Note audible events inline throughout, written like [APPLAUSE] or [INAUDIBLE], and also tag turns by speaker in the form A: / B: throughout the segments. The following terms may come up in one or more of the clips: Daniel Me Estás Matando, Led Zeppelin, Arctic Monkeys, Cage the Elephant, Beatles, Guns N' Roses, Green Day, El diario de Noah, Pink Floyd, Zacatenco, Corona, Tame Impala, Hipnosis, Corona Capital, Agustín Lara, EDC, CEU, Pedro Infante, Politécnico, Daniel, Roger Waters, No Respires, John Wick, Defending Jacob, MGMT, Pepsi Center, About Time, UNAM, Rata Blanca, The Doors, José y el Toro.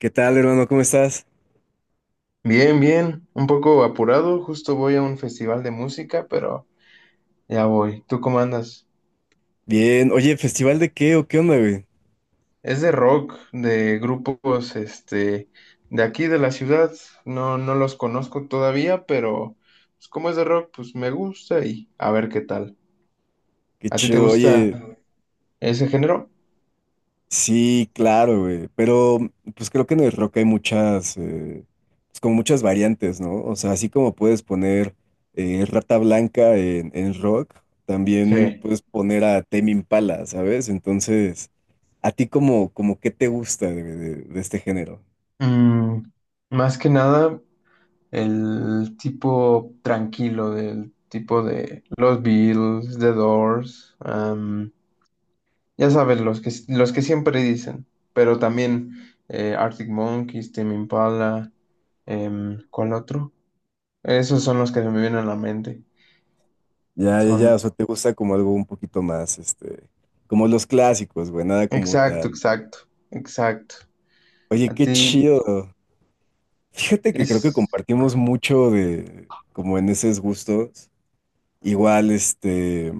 A: ¿Qué tal, hermano? ¿Cómo estás?
B: Bien, bien, un poco apurado, justo voy a un festival de música, pero ya voy. ¿Tú cómo andas?
A: Bien. Oye, ¿festival de qué o qué onda, güey?
B: Es de rock, de grupos, de aquí de la ciudad. No, no los conozco todavía, pero pues, como es de rock, pues me gusta y a ver qué tal.
A: Qué
B: ¿A ti te
A: chido.
B: gusta
A: Oye,
B: ese género?
A: sí, claro, güey. Pero, pues creo que en el rock hay muchas, pues como muchas variantes, ¿no? O sea, así como puedes poner Rata Blanca en, rock, también
B: Sí.
A: puedes poner a Tame Impala, ¿sabes? Entonces, ¿a ti como qué te gusta de este género?
B: Mm, más que nada, el tipo tranquilo, del tipo de los Beatles, The Doors, ya sabes, los que siempre dicen, pero también Arctic Monkeys, Tame Impala, ¿cuál otro? Esos son los que se me vienen a la mente.
A: Ya, ya, ya.
B: Son,
A: O sea, ¿te gusta como algo un poquito más, como los clásicos, güey? Nada como
B: exacto,
A: tal.
B: exacto, exacto.
A: Oye,
B: A
A: qué
B: ti
A: chido. Fíjate que creo que
B: es,
A: compartimos mucho de, como en esos gustos. Igual,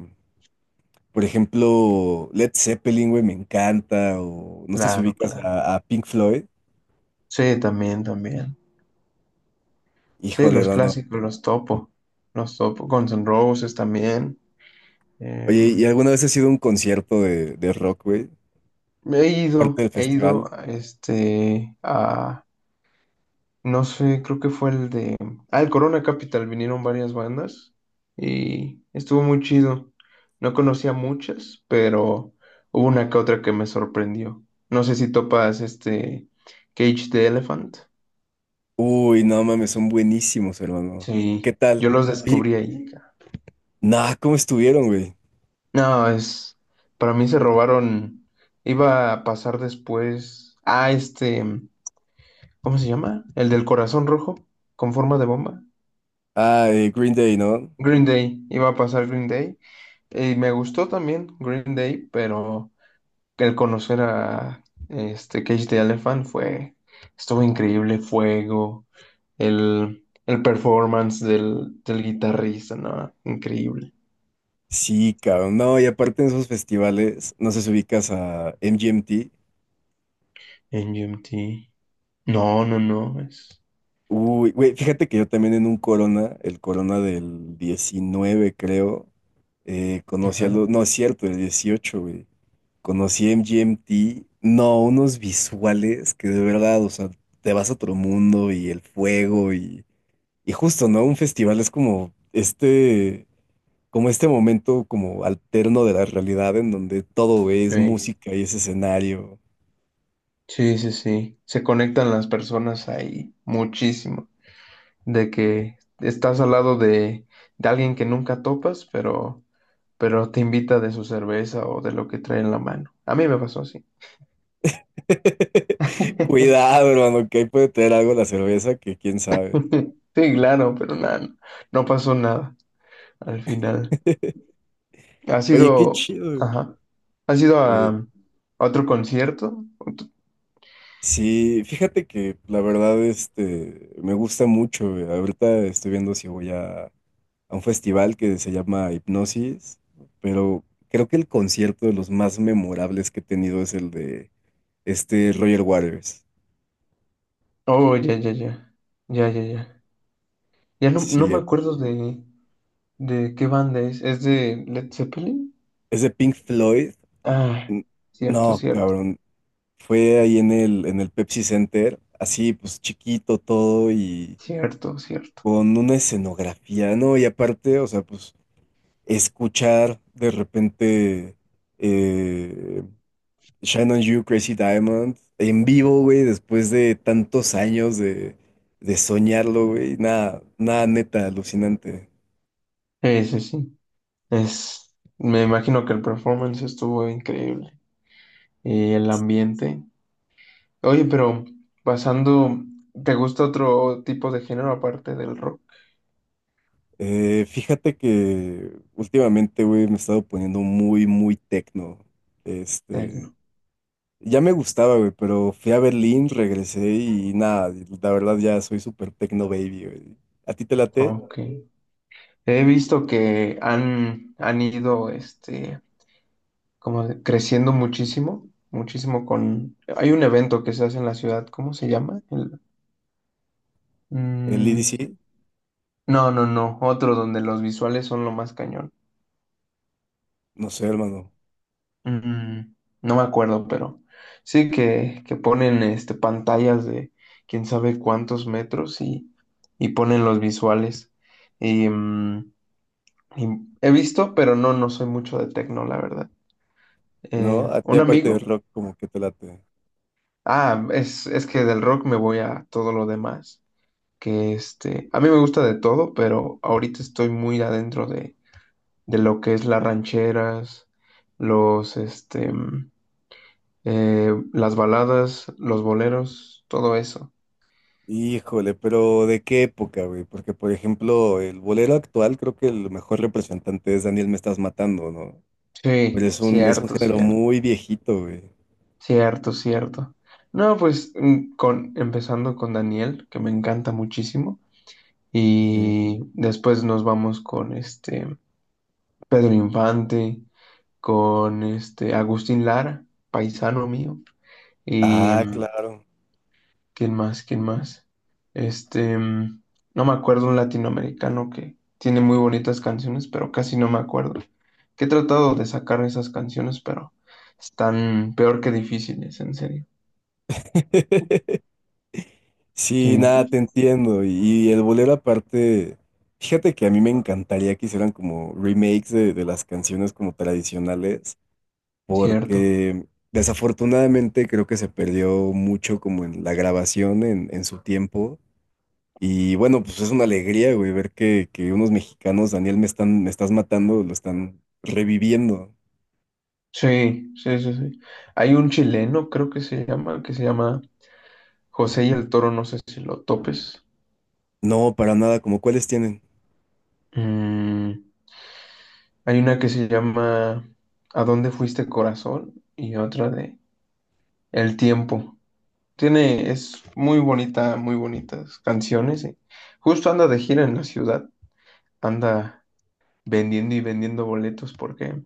A: por ejemplo, Led Zeppelin, güey, me encanta. O no sé si
B: claro,
A: ubicas
B: claro.
A: a, Pink Floyd.
B: Sí, también, también. Sí,
A: Híjole,
B: los
A: no, no.
B: clásicos, los topo, los topo. Guns N' Roses también.
A: Oye, ¿y
B: em,
A: alguna vez has ido a un concierto de rock, güey?
B: he ido,
A: Aparte del
B: he ido,
A: festival.
B: este, a, no sé, creo que fue el de. Ah, el Corona Capital, vinieron varias bandas y estuvo muy chido. No conocía muchas, pero hubo una que otra que me sorprendió. No sé si topas este Cage the Elephant.
A: Uy, no mames, son buenísimos, hermano. ¿Qué
B: Sí,
A: tal?
B: yo los
A: Oye,
B: descubrí ahí.
A: nah, ¿cómo estuvieron, güey?
B: No, es. Para mí se robaron. Iba a pasar después a este. ¿Cómo se llama? El del corazón rojo con forma de bomba.
A: Ah, Green Day, ¿no?
B: Green Day. Iba a pasar Green Day. Y me gustó también Green Day, pero el conocer a este Cage the Elephant fue, estuvo increíble, fuego, el performance del guitarrista, ¿no? Increíble.
A: Sí, cabrón. No, y aparte en esos festivales, no sé si ubicas a MGMT.
B: MGMT. No, no, no, es.
A: Uy, güey, fíjate que yo también en un Corona, el Corona del 19, creo, conocí a
B: Ajá.
A: los. No, es cierto, el 18, güey. Conocí a MGMT. No, unos visuales que de verdad, o sea, te vas a otro mundo y el fuego y. Y justo, ¿no? Un festival es como este. Como este momento como alterno de la realidad en donde todo, güey, es
B: Sí.
A: música y es escenario.
B: Sí, sí, sí. Se conectan las personas ahí muchísimo. De que estás al lado de alguien que nunca topas, pero te invita de su cerveza o de lo que trae en la mano. A mí me pasó así.
A: [LAUGHS]
B: [LAUGHS]
A: Cuidado, hermano, que ahí puede tener algo la cerveza que quién sabe.
B: Sí, claro, pero nada, no pasó nada al final. ¿Has
A: Oye, qué
B: ido,
A: chido, güey.
B: ajá, has ido a,
A: eh,
B: a otro concierto?
A: sí, fíjate que la verdad, me gusta mucho. Ahorita estoy viendo si voy a, un festival que se llama Hipnosis, pero creo que el concierto de los más memorables que he tenido es el de Roger Waters.
B: Oh, ya, ya, ya, ya, ya, ya. Ya no
A: Sí,
B: me acuerdo de qué banda es. ¿Es de Led Zeppelin?
A: es de Pink Floyd.
B: Ah,
A: N-
B: cierto,
A: No,
B: cierto,
A: cabrón. Fue ahí en el, Pepsi Center, así pues chiquito todo y
B: cierto, cierto.
A: con una escenografía, ¿no? Y aparte, o sea, pues escuchar de repente eh, Shine on You, Crazy Diamond en vivo, güey, después de tantos años de soñarlo, güey, nada, nada neta, alucinante.
B: Ese sí, sí. es, me imagino que el performance estuvo increíble y el ambiente. Oye, pero pasando, ¿te gusta otro tipo de género aparte del rock?
A: Fíjate que últimamente, güey, me he estado poniendo muy, muy tecno. Este.
B: Tecno.
A: Ya me gustaba, güey, pero fui a Berlín, regresé y nada, y la verdad ya soy súper techno baby, güey. ¿A ti te late
B: OK. He visto que han ido como creciendo muchísimo, muchísimo con. Hay un evento que se hace en la ciudad, ¿cómo se llama?
A: el
B: Mm,
A: EDC?
B: no, no, no, otro donde los visuales son lo más cañón.
A: No sé, hermano.
B: Mm, no me acuerdo, pero sí que ponen pantallas de quién sabe cuántos metros y, ponen los visuales. Y, mm, y he visto, pero no soy mucho de tecno, la verdad.
A: ¿No? A ti
B: Un
A: aparte de
B: amigo,
A: rock como que te late.
B: ah, es que del rock me voy a todo lo demás, que a mí me gusta de todo, pero ahorita estoy muy adentro de lo que es las rancheras, los, este... mm, las baladas, los boleros, todo eso.
A: Híjole, pero ¿de qué época, güey? Porque, por ejemplo, el bolero actual creo que el mejor representante es Daniel Me Estás Matando, ¿no? Pero
B: Sí,
A: es un,
B: cierto,
A: género
B: cierto,
A: muy viejito, güey.
B: cierto, cierto. No, pues empezando con Daniel, que me encanta muchísimo,
A: Ujú.
B: y después nos vamos con este Pedro Infante, con este Agustín Lara, paisano mío, y
A: Ah, claro.
B: ¿quién más? ¿Quién más? Este, mm, no me acuerdo un latinoamericano que tiene muy bonitas canciones, pero casi no me acuerdo. Que he tratado de sacar esas canciones, pero están peor que difíciles, en serio.
A: [LAUGHS] Sí,
B: Sí,
A: nada, te
B: sí.
A: entiendo. Y el bolero aparte, fíjate que a mí me encantaría que hicieran como remakes de, las canciones como tradicionales,
B: Cierto.
A: porque desafortunadamente creo que se perdió mucho como en la grabación en, su tiempo. Y bueno, pues es una alegría, güey, ver que unos mexicanos, Daniel, me están, me estás matando, lo están reviviendo.
B: Sí, sí, sí, sí. Hay un chileno, creo que se llama, José y el Toro, no sé si lo topes.
A: No, para nada, como cuáles tienen.
B: Mm, hay una que se llama ¿A dónde fuiste, corazón? Y otra de El tiempo. Es muy bonita, muy bonitas canciones. Justo anda de gira en la ciudad, anda vendiendo y vendiendo boletos porque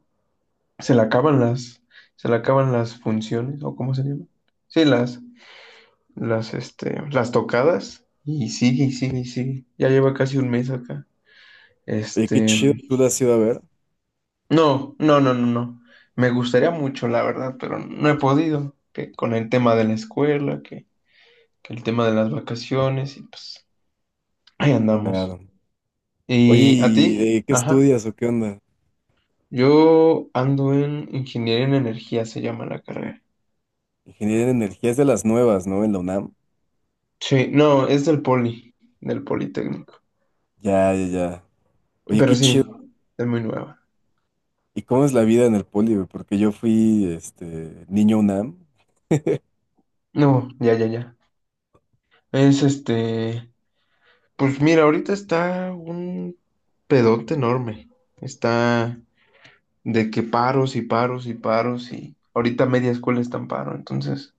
B: se le acaban se le acaban las funciones, o cómo se llama. Sí, las tocadas, y sigue, y sigue, y sigue. Ya lleva casi un mes acá.
A: Oye, qué
B: Este,
A: chido, tú lo has ido a ver.
B: no, no, no, no, no. Me gustaría mucho, la verdad, pero no he podido. Que con el tema de la escuela, que el tema de las vacaciones, y pues ahí andamos.
A: Claro. Oye,
B: ¿Y a
A: ¿y
B: ti?
A: qué
B: Ajá.
A: estudias o qué onda?
B: Yo ando en ingeniería en energía, se llama la carrera.
A: Ingeniería en energías de las nuevas, ¿no? En la UNAM.
B: Sí, no, es del poli, del Politécnico.
A: Ya, ya, ya. Oye,
B: Pero
A: qué chido.
B: sí, es muy nueva.
A: ¿Y cómo es la vida en el poli, güey? Porque yo fui, niño UNAM.
B: No, ya, ya, ya. Es este, pues mira, ahorita está un pedote enorme. Está de que paros y paros y paros y ahorita media escuela está en paro. Entonces,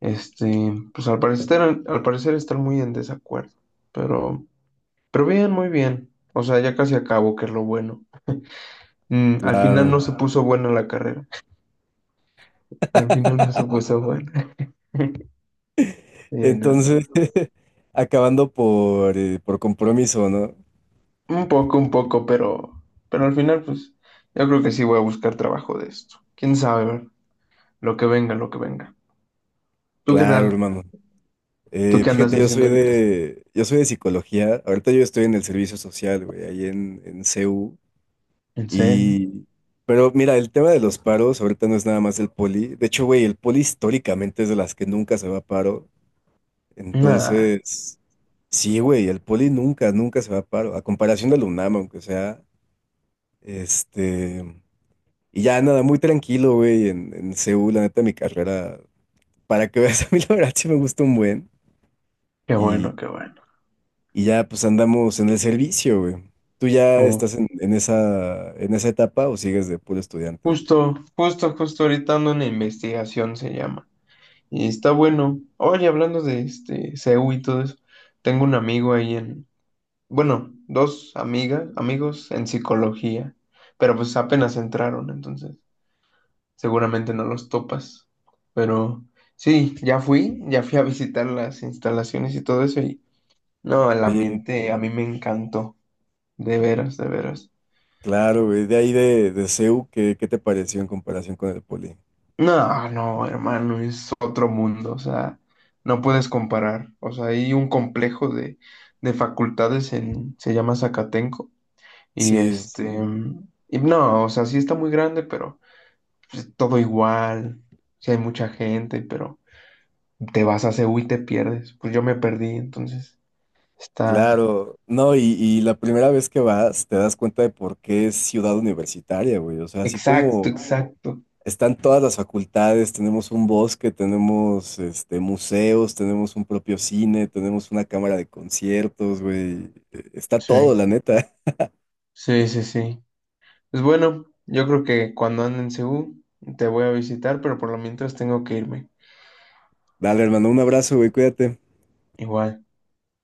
B: este, pues al parecer están muy en desacuerdo. Pero Pero bien, muy bien. O sea, ya casi acabo, que es lo bueno. Al final
A: Claro.
B: no se puso buena la carrera. [LAUGHS] Al final no se puso buena. [LAUGHS] No, no.
A: Entonces,
B: No.
A: [LAUGHS] acabando por compromiso, ¿no?
B: Un poco, pero al final, pues, yo creo que sí voy a buscar trabajo de esto. Quién sabe, ¿verdad? Lo que venga, lo que venga. ¿Tú qué tal?
A: Claro, hermano.
B: ¿Tú
A: Eh,
B: qué andas
A: fíjate, yo
B: haciendo
A: soy
B: ahorita?
A: de, yo soy de psicología. Ahorita yo estoy en el servicio social, güey, ahí en, CU.
B: ¿En serio?
A: Y, pero mira, el tema de los paros ahorita no es nada más el poli. De hecho, güey, el poli históricamente es de las que nunca se va a paro.
B: Nah,
A: Entonces, sí, güey, el poli nunca, nunca se va a paro, a comparación del UNAM, aunque sea, este, y ya nada, muy tranquilo, güey, en, Seúl, la neta, mi carrera, para que veas, [LAUGHS] a mí la verdad sí me gusta un buen,
B: qué
A: y,
B: bueno, qué bueno.
A: y ya, pues, andamos en el servicio, güey. ¿Tú ya
B: Oh,
A: estás en esa etapa o sigues de puro estudiante?
B: justo, justo, justo ahorita ando en investigación, se llama. Y está bueno. Oye, hablando de este CEU y todo eso, tengo un amigo ahí en, bueno, dos amigas, amigos en psicología, pero pues apenas entraron, entonces seguramente
A: Oye,
B: no los topas. Pero sí, ya fui a visitar las instalaciones y todo eso y no, el ambiente a mí me encantó, de veras, de veras.
A: claro, güey, de ahí de CEU, ¿qué te pareció en comparación con el poli?
B: No, no, hermano, es otro mundo, o sea, no puedes comparar. O sea, hay un complejo de facultades en, se llama Zacatenco, y
A: Sí,
B: este, y no, o sea, sí está muy grande, pero pues, todo igual, sí hay mucha gente, pero te vas a Ceú y te pierdes. Pues yo me perdí, entonces está
A: claro. No, y la primera vez que vas te das cuenta de por qué es ciudad universitaria, güey. O sea, así
B: exacto,
A: como
B: exacto.
A: están todas las facultades, tenemos un bosque, tenemos museos, tenemos un propio cine, tenemos una cámara de conciertos, güey. Está todo, la
B: Sí,
A: neta.
B: sí, sí, sí. Pues bueno, yo creo que cuando ande en Ceú te voy a visitar, pero por lo mientras tengo que irme.
A: [LAUGHS] Dale, hermano, un abrazo, güey, cuídate.
B: Igual.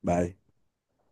A: Bye.